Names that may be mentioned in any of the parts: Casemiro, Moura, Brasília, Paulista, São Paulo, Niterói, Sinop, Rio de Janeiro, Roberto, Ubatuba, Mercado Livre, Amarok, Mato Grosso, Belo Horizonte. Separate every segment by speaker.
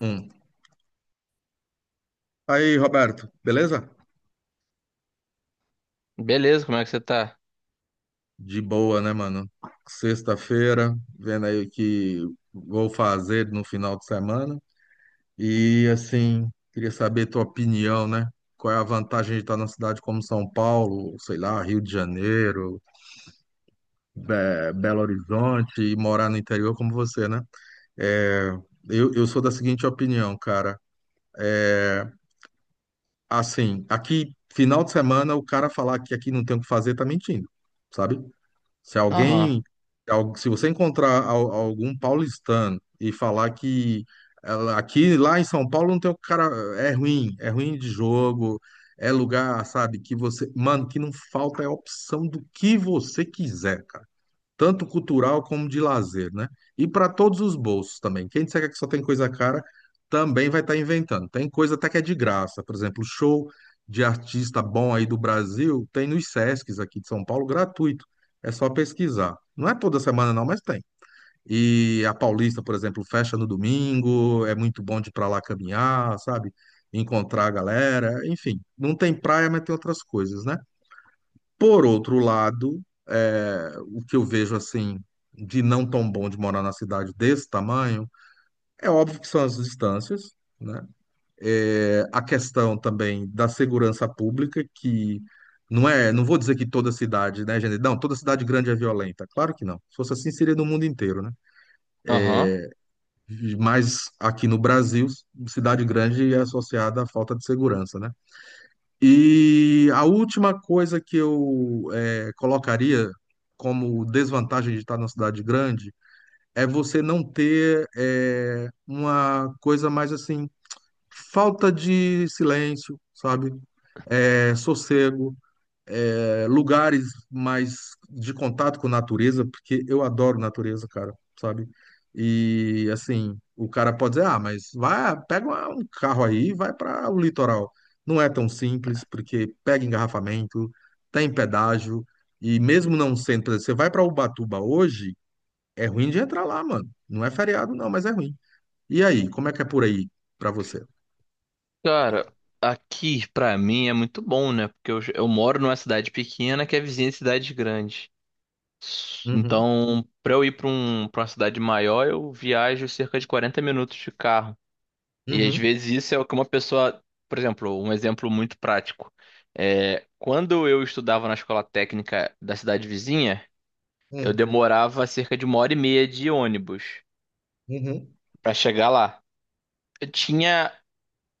Speaker 1: Hum. Aí, Roberto, beleza?
Speaker 2: Beleza, como é que você tá?
Speaker 1: De boa, né, mano? Sexta-feira, vendo aí o que vou fazer no final de semana. E, assim, queria saber tua opinião, né? Qual é a vantagem de estar numa cidade como São Paulo, sei lá, Rio de Janeiro, Belo Horizonte e morar no interior como você, né? É, eu sou da seguinte opinião, cara. Assim, aqui, final de semana, o cara falar que aqui não tem o que fazer tá mentindo, sabe? Se
Speaker 2: Aham,
Speaker 1: alguém, se você encontrar algum paulistano e falar que aqui lá em São Paulo não tem o cara, é ruim de jogo, é lugar, sabe, que você, mano, que não falta é opção do que você quiser, cara tanto cultural como de lazer, né? E para todos os bolsos também. Quem disser que só tem coisa cara, também vai estar inventando. Tem coisa até que é de graça, por exemplo, show de artista bom aí do Brasil, tem nos Sescs aqui de São Paulo, gratuito. É só pesquisar. Não é toda semana não, mas tem. E a Paulista, por exemplo, fecha no domingo, é muito bom de ir para lá caminhar, sabe? Encontrar a galera, enfim. Não tem praia, mas tem outras coisas, né? Por outro lado, é, o que eu vejo assim de não tão bom de morar na cidade desse tamanho, é óbvio que são as distâncias, né? É, a questão também da segurança pública, que não é, não vou dizer que toda cidade, né, gente? Não, toda cidade grande é violenta. Claro que não. Se fosse assim, seria no mundo inteiro, né?
Speaker 2: aham.
Speaker 1: Mas aqui no Brasil, cidade grande é associada à falta de segurança, né? E a última coisa que eu colocaria como desvantagem de estar na cidade grande é você não ter uma coisa mais assim, falta de silêncio, sabe? Sossego é, lugares mais de contato com natureza, porque eu adoro natureza, cara, sabe? E assim, o cara pode dizer, ah, mas vai, pega um carro aí e vai para o litoral. Não é tão simples, porque pega engarrafamento, tem pedágio, e mesmo não sendo, por exemplo, você vai para Ubatuba hoje, é ruim de entrar lá, mano. Não é feriado, não, mas é ruim. E aí, como é que é por aí para você?
Speaker 2: Cara, aqui pra mim é muito bom, né? Porque eu moro numa cidade pequena que é vizinha de cidade grande.
Speaker 1: Uhum,
Speaker 2: Então, pra eu ir pra uma cidade maior, eu viajo cerca de 40 minutos de carro. E às
Speaker 1: uhum,
Speaker 2: vezes isso é o que uma pessoa. Por exemplo, um exemplo muito prático. É, quando eu estudava na escola técnica da cidade vizinha, eu
Speaker 1: uhum,
Speaker 2: demorava cerca de 1 hora e meia de ônibus
Speaker 1: uhum.
Speaker 2: pra chegar lá. Eu tinha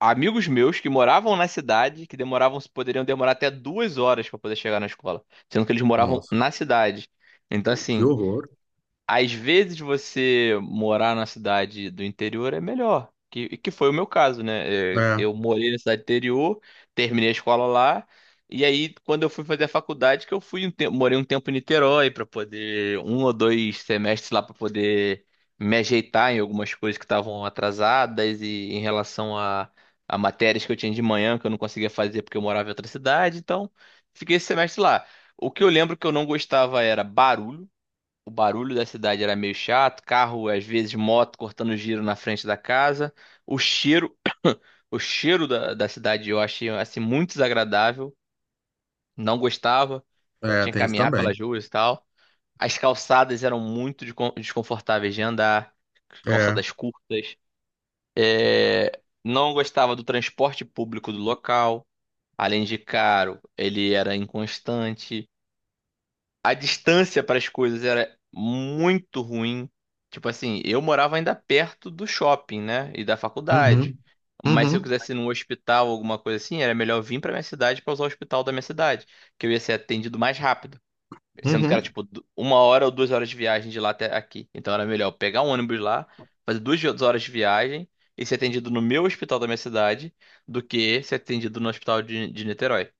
Speaker 2: amigos meus que moravam na cidade, que demoravam, poderiam demorar até 2 horas para poder chegar na escola, sendo que eles moravam
Speaker 1: Nossa,
Speaker 2: na cidade. Então,
Speaker 1: que
Speaker 2: assim,
Speaker 1: horror.
Speaker 2: às vezes você morar na cidade do interior é melhor, que foi o meu caso, né? É,
Speaker 1: É.
Speaker 2: eu morei na cidade interior, terminei a escola lá, e aí quando eu fui fazer a faculdade, que eu fui um tempo, morei um tempo em Niterói para poder um ou dois semestres lá para poder me ajeitar em algumas coisas que estavam atrasadas e em relação a matérias que eu tinha de manhã que eu não conseguia fazer porque eu morava em outra cidade, então fiquei esse semestre lá. O que eu lembro que eu não gostava era barulho. O barulho da cidade era meio chato: carro, às vezes moto cortando giro na frente da casa. O cheiro, o cheiro da cidade eu achei assim muito desagradável, não gostava,
Speaker 1: É,
Speaker 2: tinha que
Speaker 1: tem isso
Speaker 2: caminhar
Speaker 1: também.
Speaker 2: pelas ruas e tal. As calçadas eram muito desconfortáveis de andar,
Speaker 1: É.
Speaker 2: calçadas curtas. É, não gostava do transporte público do local, além de caro, ele era inconstante. A distância para as coisas era muito ruim. Tipo assim, eu morava ainda perto do shopping, né? E da faculdade.
Speaker 1: Uhum,
Speaker 2: Mas se eu
Speaker 1: uhum,
Speaker 2: quisesse ir num hospital ou alguma coisa assim, era melhor vir para minha cidade para usar o hospital da minha cidade, que eu ia ser atendido mais rápido. Sendo que era
Speaker 1: uhum.
Speaker 2: tipo uma hora ou 2 horas de viagem de lá até aqui. Então era melhor pegar um ônibus lá, fazer 2 horas de viagem e ser atendido no meu hospital da minha cidade do que ser atendido no hospital de Niterói.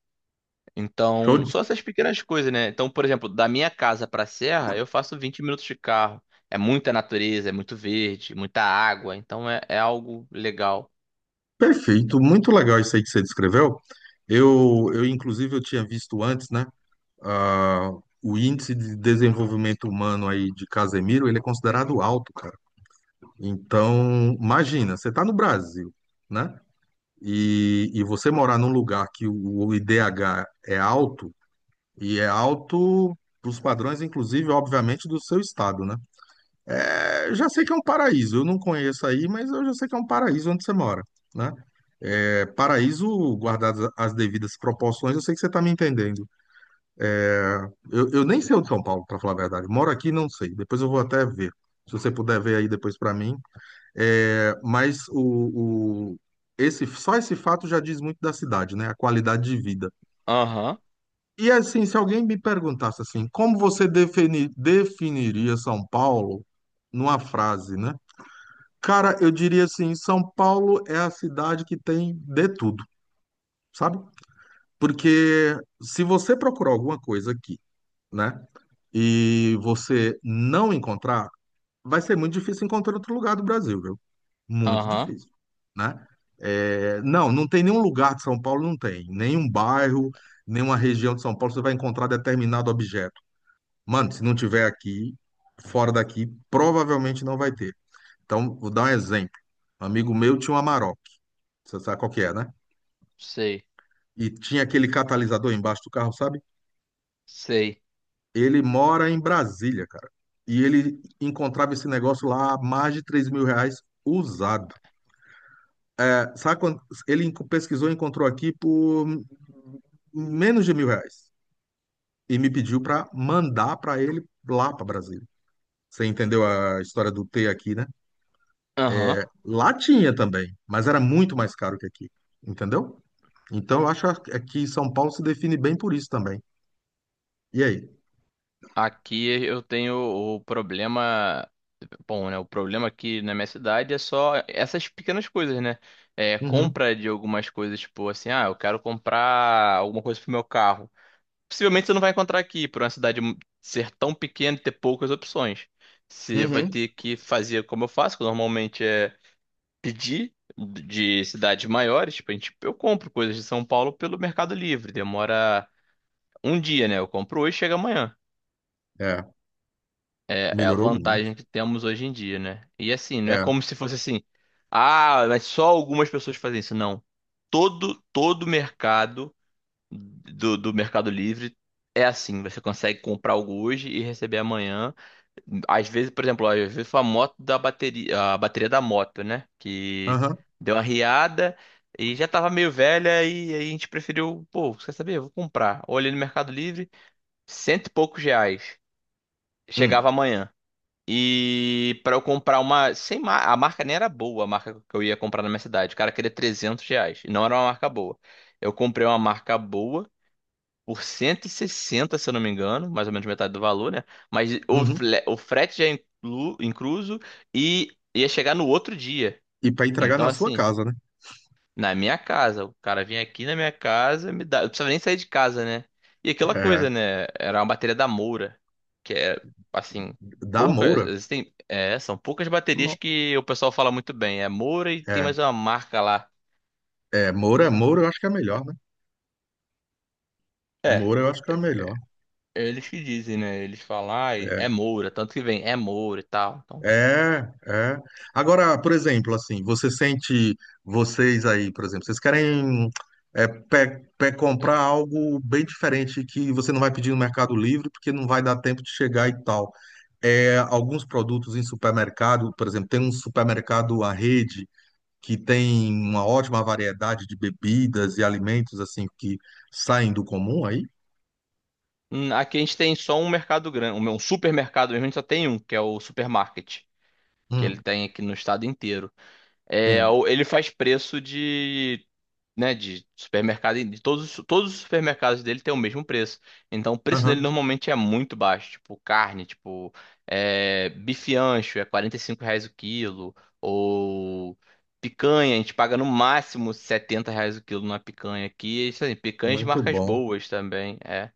Speaker 1: Show.
Speaker 2: Então, só essas pequenas coisas, né? Então, por exemplo, da minha casa pra serra, eu faço 20 minutos de carro. É muita natureza, é muito verde, muita água. Então, é algo legal.
Speaker 1: Perfeito. Muito legal isso aí que você descreveu. Eu inclusive, eu tinha visto antes, né? Ah, o índice de desenvolvimento humano aí de Casemiro, ele é considerado alto, cara. Então, imagina, você está no Brasil, né? E você morar num lugar que o IDH é alto, e é alto para os padrões, inclusive, obviamente, do seu estado, né? É, já sei que é um paraíso. Eu não conheço aí, mas eu já sei que é um paraíso onde você mora, né? É, paraíso, guardadas as devidas proporções, eu sei que você está me entendendo. É, eu nem sei onde é São Paulo, para falar a verdade. Moro aqui, e não sei. Depois eu vou até ver. Se você puder ver aí depois para mim. É, mas esse, só esse fato já diz muito da cidade, né? A qualidade de vida.
Speaker 2: Aham,
Speaker 1: E assim, se alguém me perguntasse assim, como você definiria São Paulo numa frase, né? Cara, eu diria assim, São Paulo é a cidade que tem de tudo, sabe? Porque se você procurar alguma coisa aqui, né, e você não encontrar, vai ser muito difícil encontrar em outro lugar do Brasil, viu? Muito
Speaker 2: aham,
Speaker 1: difícil, né? É, não, não tem nenhum lugar de São Paulo, não tem. Nenhum bairro, nenhuma região de São Paulo você vai encontrar determinado objeto. Mano, se não tiver aqui, fora daqui, provavelmente não vai ter. Então, vou dar um exemplo. Um amigo meu tinha uma Amarok. Você sabe qual que é, né?
Speaker 2: sei,
Speaker 1: E tinha aquele catalisador embaixo do carro, sabe?
Speaker 2: sei.
Speaker 1: Ele mora em Brasília, cara. E ele encontrava esse negócio lá a mais de R$ 3.000 usado. É, sabe quando ele pesquisou e encontrou aqui por menos de R$ 1.000. E me pediu para mandar para ele lá para Brasília. Você entendeu a história do T aqui, né?
Speaker 2: Aham.
Speaker 1: Lá tinha também, mas era muito mais caro que aqui. Entendeu? Então, eu acho que é que São Paulo se define bem por isso também. E aí?
Speaker 2: Aqui eu tenho o problema. Bom, né? O problema aqui na minha cidade é só essas pequenas coisas, né? É
Speaker 1: Uhum,
Speaker 2: compra de algumas coisas, tipo assim, ah, eu quero comprar alguma coisa pro meu carro. Possivelmente você não vai encontrar aqui, por uma cidade ser tão pequena e ter poucas opções. Você vai
Speaker 1: uhum,
Speaker 2: ter que fazer como eu faço, que normalmente é pedir de cidades maiores. Tipo, a gente, eu compro coisas de São Paulo pelo Mercado Livre. Demora um dia, né? Eu compro hoje e chega amanhã.
Speaker 1: é,
Speaker 2: É a
Speaker 1: melhorou muito.
Speaker 2: vantagem que temos hoje em dia, né? E assim, não é
Speaker 1: É,
Speaker 2: como se fosse assim, ah, mas só algumas pessoas fazem isso. Não. Todo mercado do Mercado Livre é assim, você consegue comprar algo hoje e receber amanhã. Às vezes, por exemplo, às vezes foi a moto da bateria, a bateria da moto, né? Que
Speaker 1: aham,
Speaker 2: deu uma riada e já tava meio velha e aí a gente preferiu, pô, quer saber? Eu vou comprar. Olhei no Mercado Livre, cento e poucos reais.
Speaker 1: hum,
Speaker 2: Chegava amanhã. E para eu comprar uma, sem mar... a marca nem era boa, a marca que eu ia comprar na minha cidade. O cara queria R$ 300, e não era uma marca boa. Eu comprei uma marca boa por 160, se eu não me engano, mais ou menos metade do valor, né? Mas o,
Speaker 1: uhum.
Speaker 2: fle- o frete já é incluso e ia chegar no outro dia.
Speaker 1: E para entregar
Speaker 2: Então,
Speaker 1: na sua
Speaker 2: assim,
Speaker 1: casa, né?
Speaker 2: na minha casa, o cara vinha aqui na minha casa, me dá, eu não precisava nem sair de casa, né? E aquela
Speaker 1: É,
Speaker 2: coisa, né? Era uma bateria da Moura, que é, assim,
Speaker 1: da
Speaker 2: poucas,
Speaker 1: Moura.
Speaker 2: existem, é, são poucas baterias
Speaker 1: Não.
Speaker 2: que o pessoal fala muito bem. É Moura e tem
Speaker 1: É,
Speaker 2: mais uma marca lá.
Speaker 1: é, Moura, Moura eu acho que é melhor, né?
Speaker 2: É,
Speaker 1: Moura eu acho que é melhor.
Speaker 2: eles que dizem, né? Eles falam, ah, é Moura, tanto que vem, é Moura e tal. Então,
Speaker 1: É, é. Agora, por exemplo, assim, você sente, vocês aí, por exemplo, vocês querem é, comprar algo bem diferente que você não vai pedir no Mercado Livre porque não vai dar tempo de chegar e tal. É, alguns produtos em supermercado, por exemplo, tem um supermercado à rede que tem uma ótima variedade de bebidas e alimentos assim que saem do comum aí?
Speaker 2: Aqui a gente tem só um mercado grande, um supermercado mesmo, a gente só tem um, que é o supermarket, que ele
Speaker 1: Hum,
Speaker 2: tem aqui no estado inteiro. É,
Speaker 1: sim.
Speaker 2: ele faz preço de, né, de supermercado, de todos os supermercados dele tem o mesmo preço. Então o preço dele
Speaker 1: Aham,
Speaker 2: normalmente é muito baixo, tipo carne, tipo é, bife ancho é R$ 45 o quilo, ou picanha, a gente paga no máximo R$ 70 o quilo na picanha aqui. Isso aí, picanhas de
Speaker 1: muito
Speaker 2: marcas
Speaker 1: bom.
Speaker 2: boas também, é.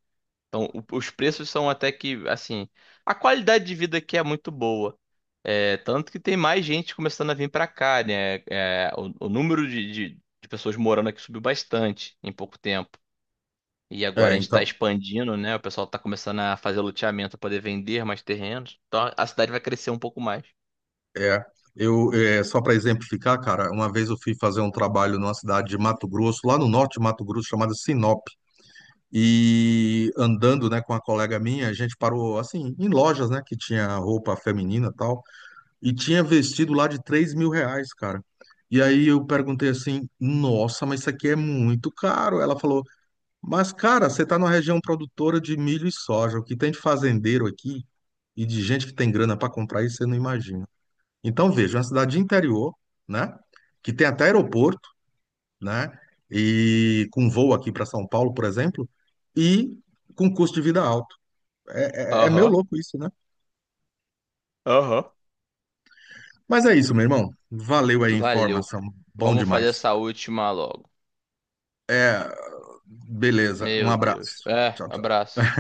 Speaker 2: Então, os preços são até que, assim, a qualidade de vida aqui é muito boa. É, tanto que tem mais gente começando a vir pra cá, né? É, o número de pessoas morando aqui subiu bastante em pouco tempo. E agora
Speaker 1: É,
Speaker 2: a gente tá
Speaker 1: então,
Speaker 2: expandindo, né? O pessoal tá começando a fazer loteamento pra poder vender mais terrenos. Então a cidade vai crescer um pouco mais.
Speaker 1: é, eu é, só para exemplificar, cara, uma vez eu fui fazer um trabalho numa cidade de Mato Grosso, lá no norte de Mato Grosso, chamada Sinop. E andando, né, com a colega minha, a gente parou assim em lojas, né, que tinha roupa feminina e tal. E tinha vestido lá de R$ 3.000, cara. E aí eu perguntei assim, nossa, mas isso aqui é muito caro. Ela falou, mas cara, você tá numa região produtora de milho e soja. O que tem de fazendeiro aqui e de gente que tem grana para comprar isso, você não imagina. Então veja, uma cidade de interior, né? Que tem até aeroporto, né? E com voo aqui para São Paulo, por exemplo, e com custo de vida alto. É, é, é meio
Speaker 2: Aham,
Speaker 1: louco isso, né?
Speaker 2: aham.
Speaker 1: Mas é isso, meu irmão. Valeu aí a
Speaker 2: Valeu.
Speaker 1: informação. Bom
Speaker 2: Vamos
Speaker 1: demais.
Speaker 2: fazer essa última logo.
Speaker 1: Beleza, um
Speaker 2: Meu Deus.
Speaker 1: abraço.
Speaker 2: É,
Speaker 1: Tchau, tchau.
Speaker 2: abraço.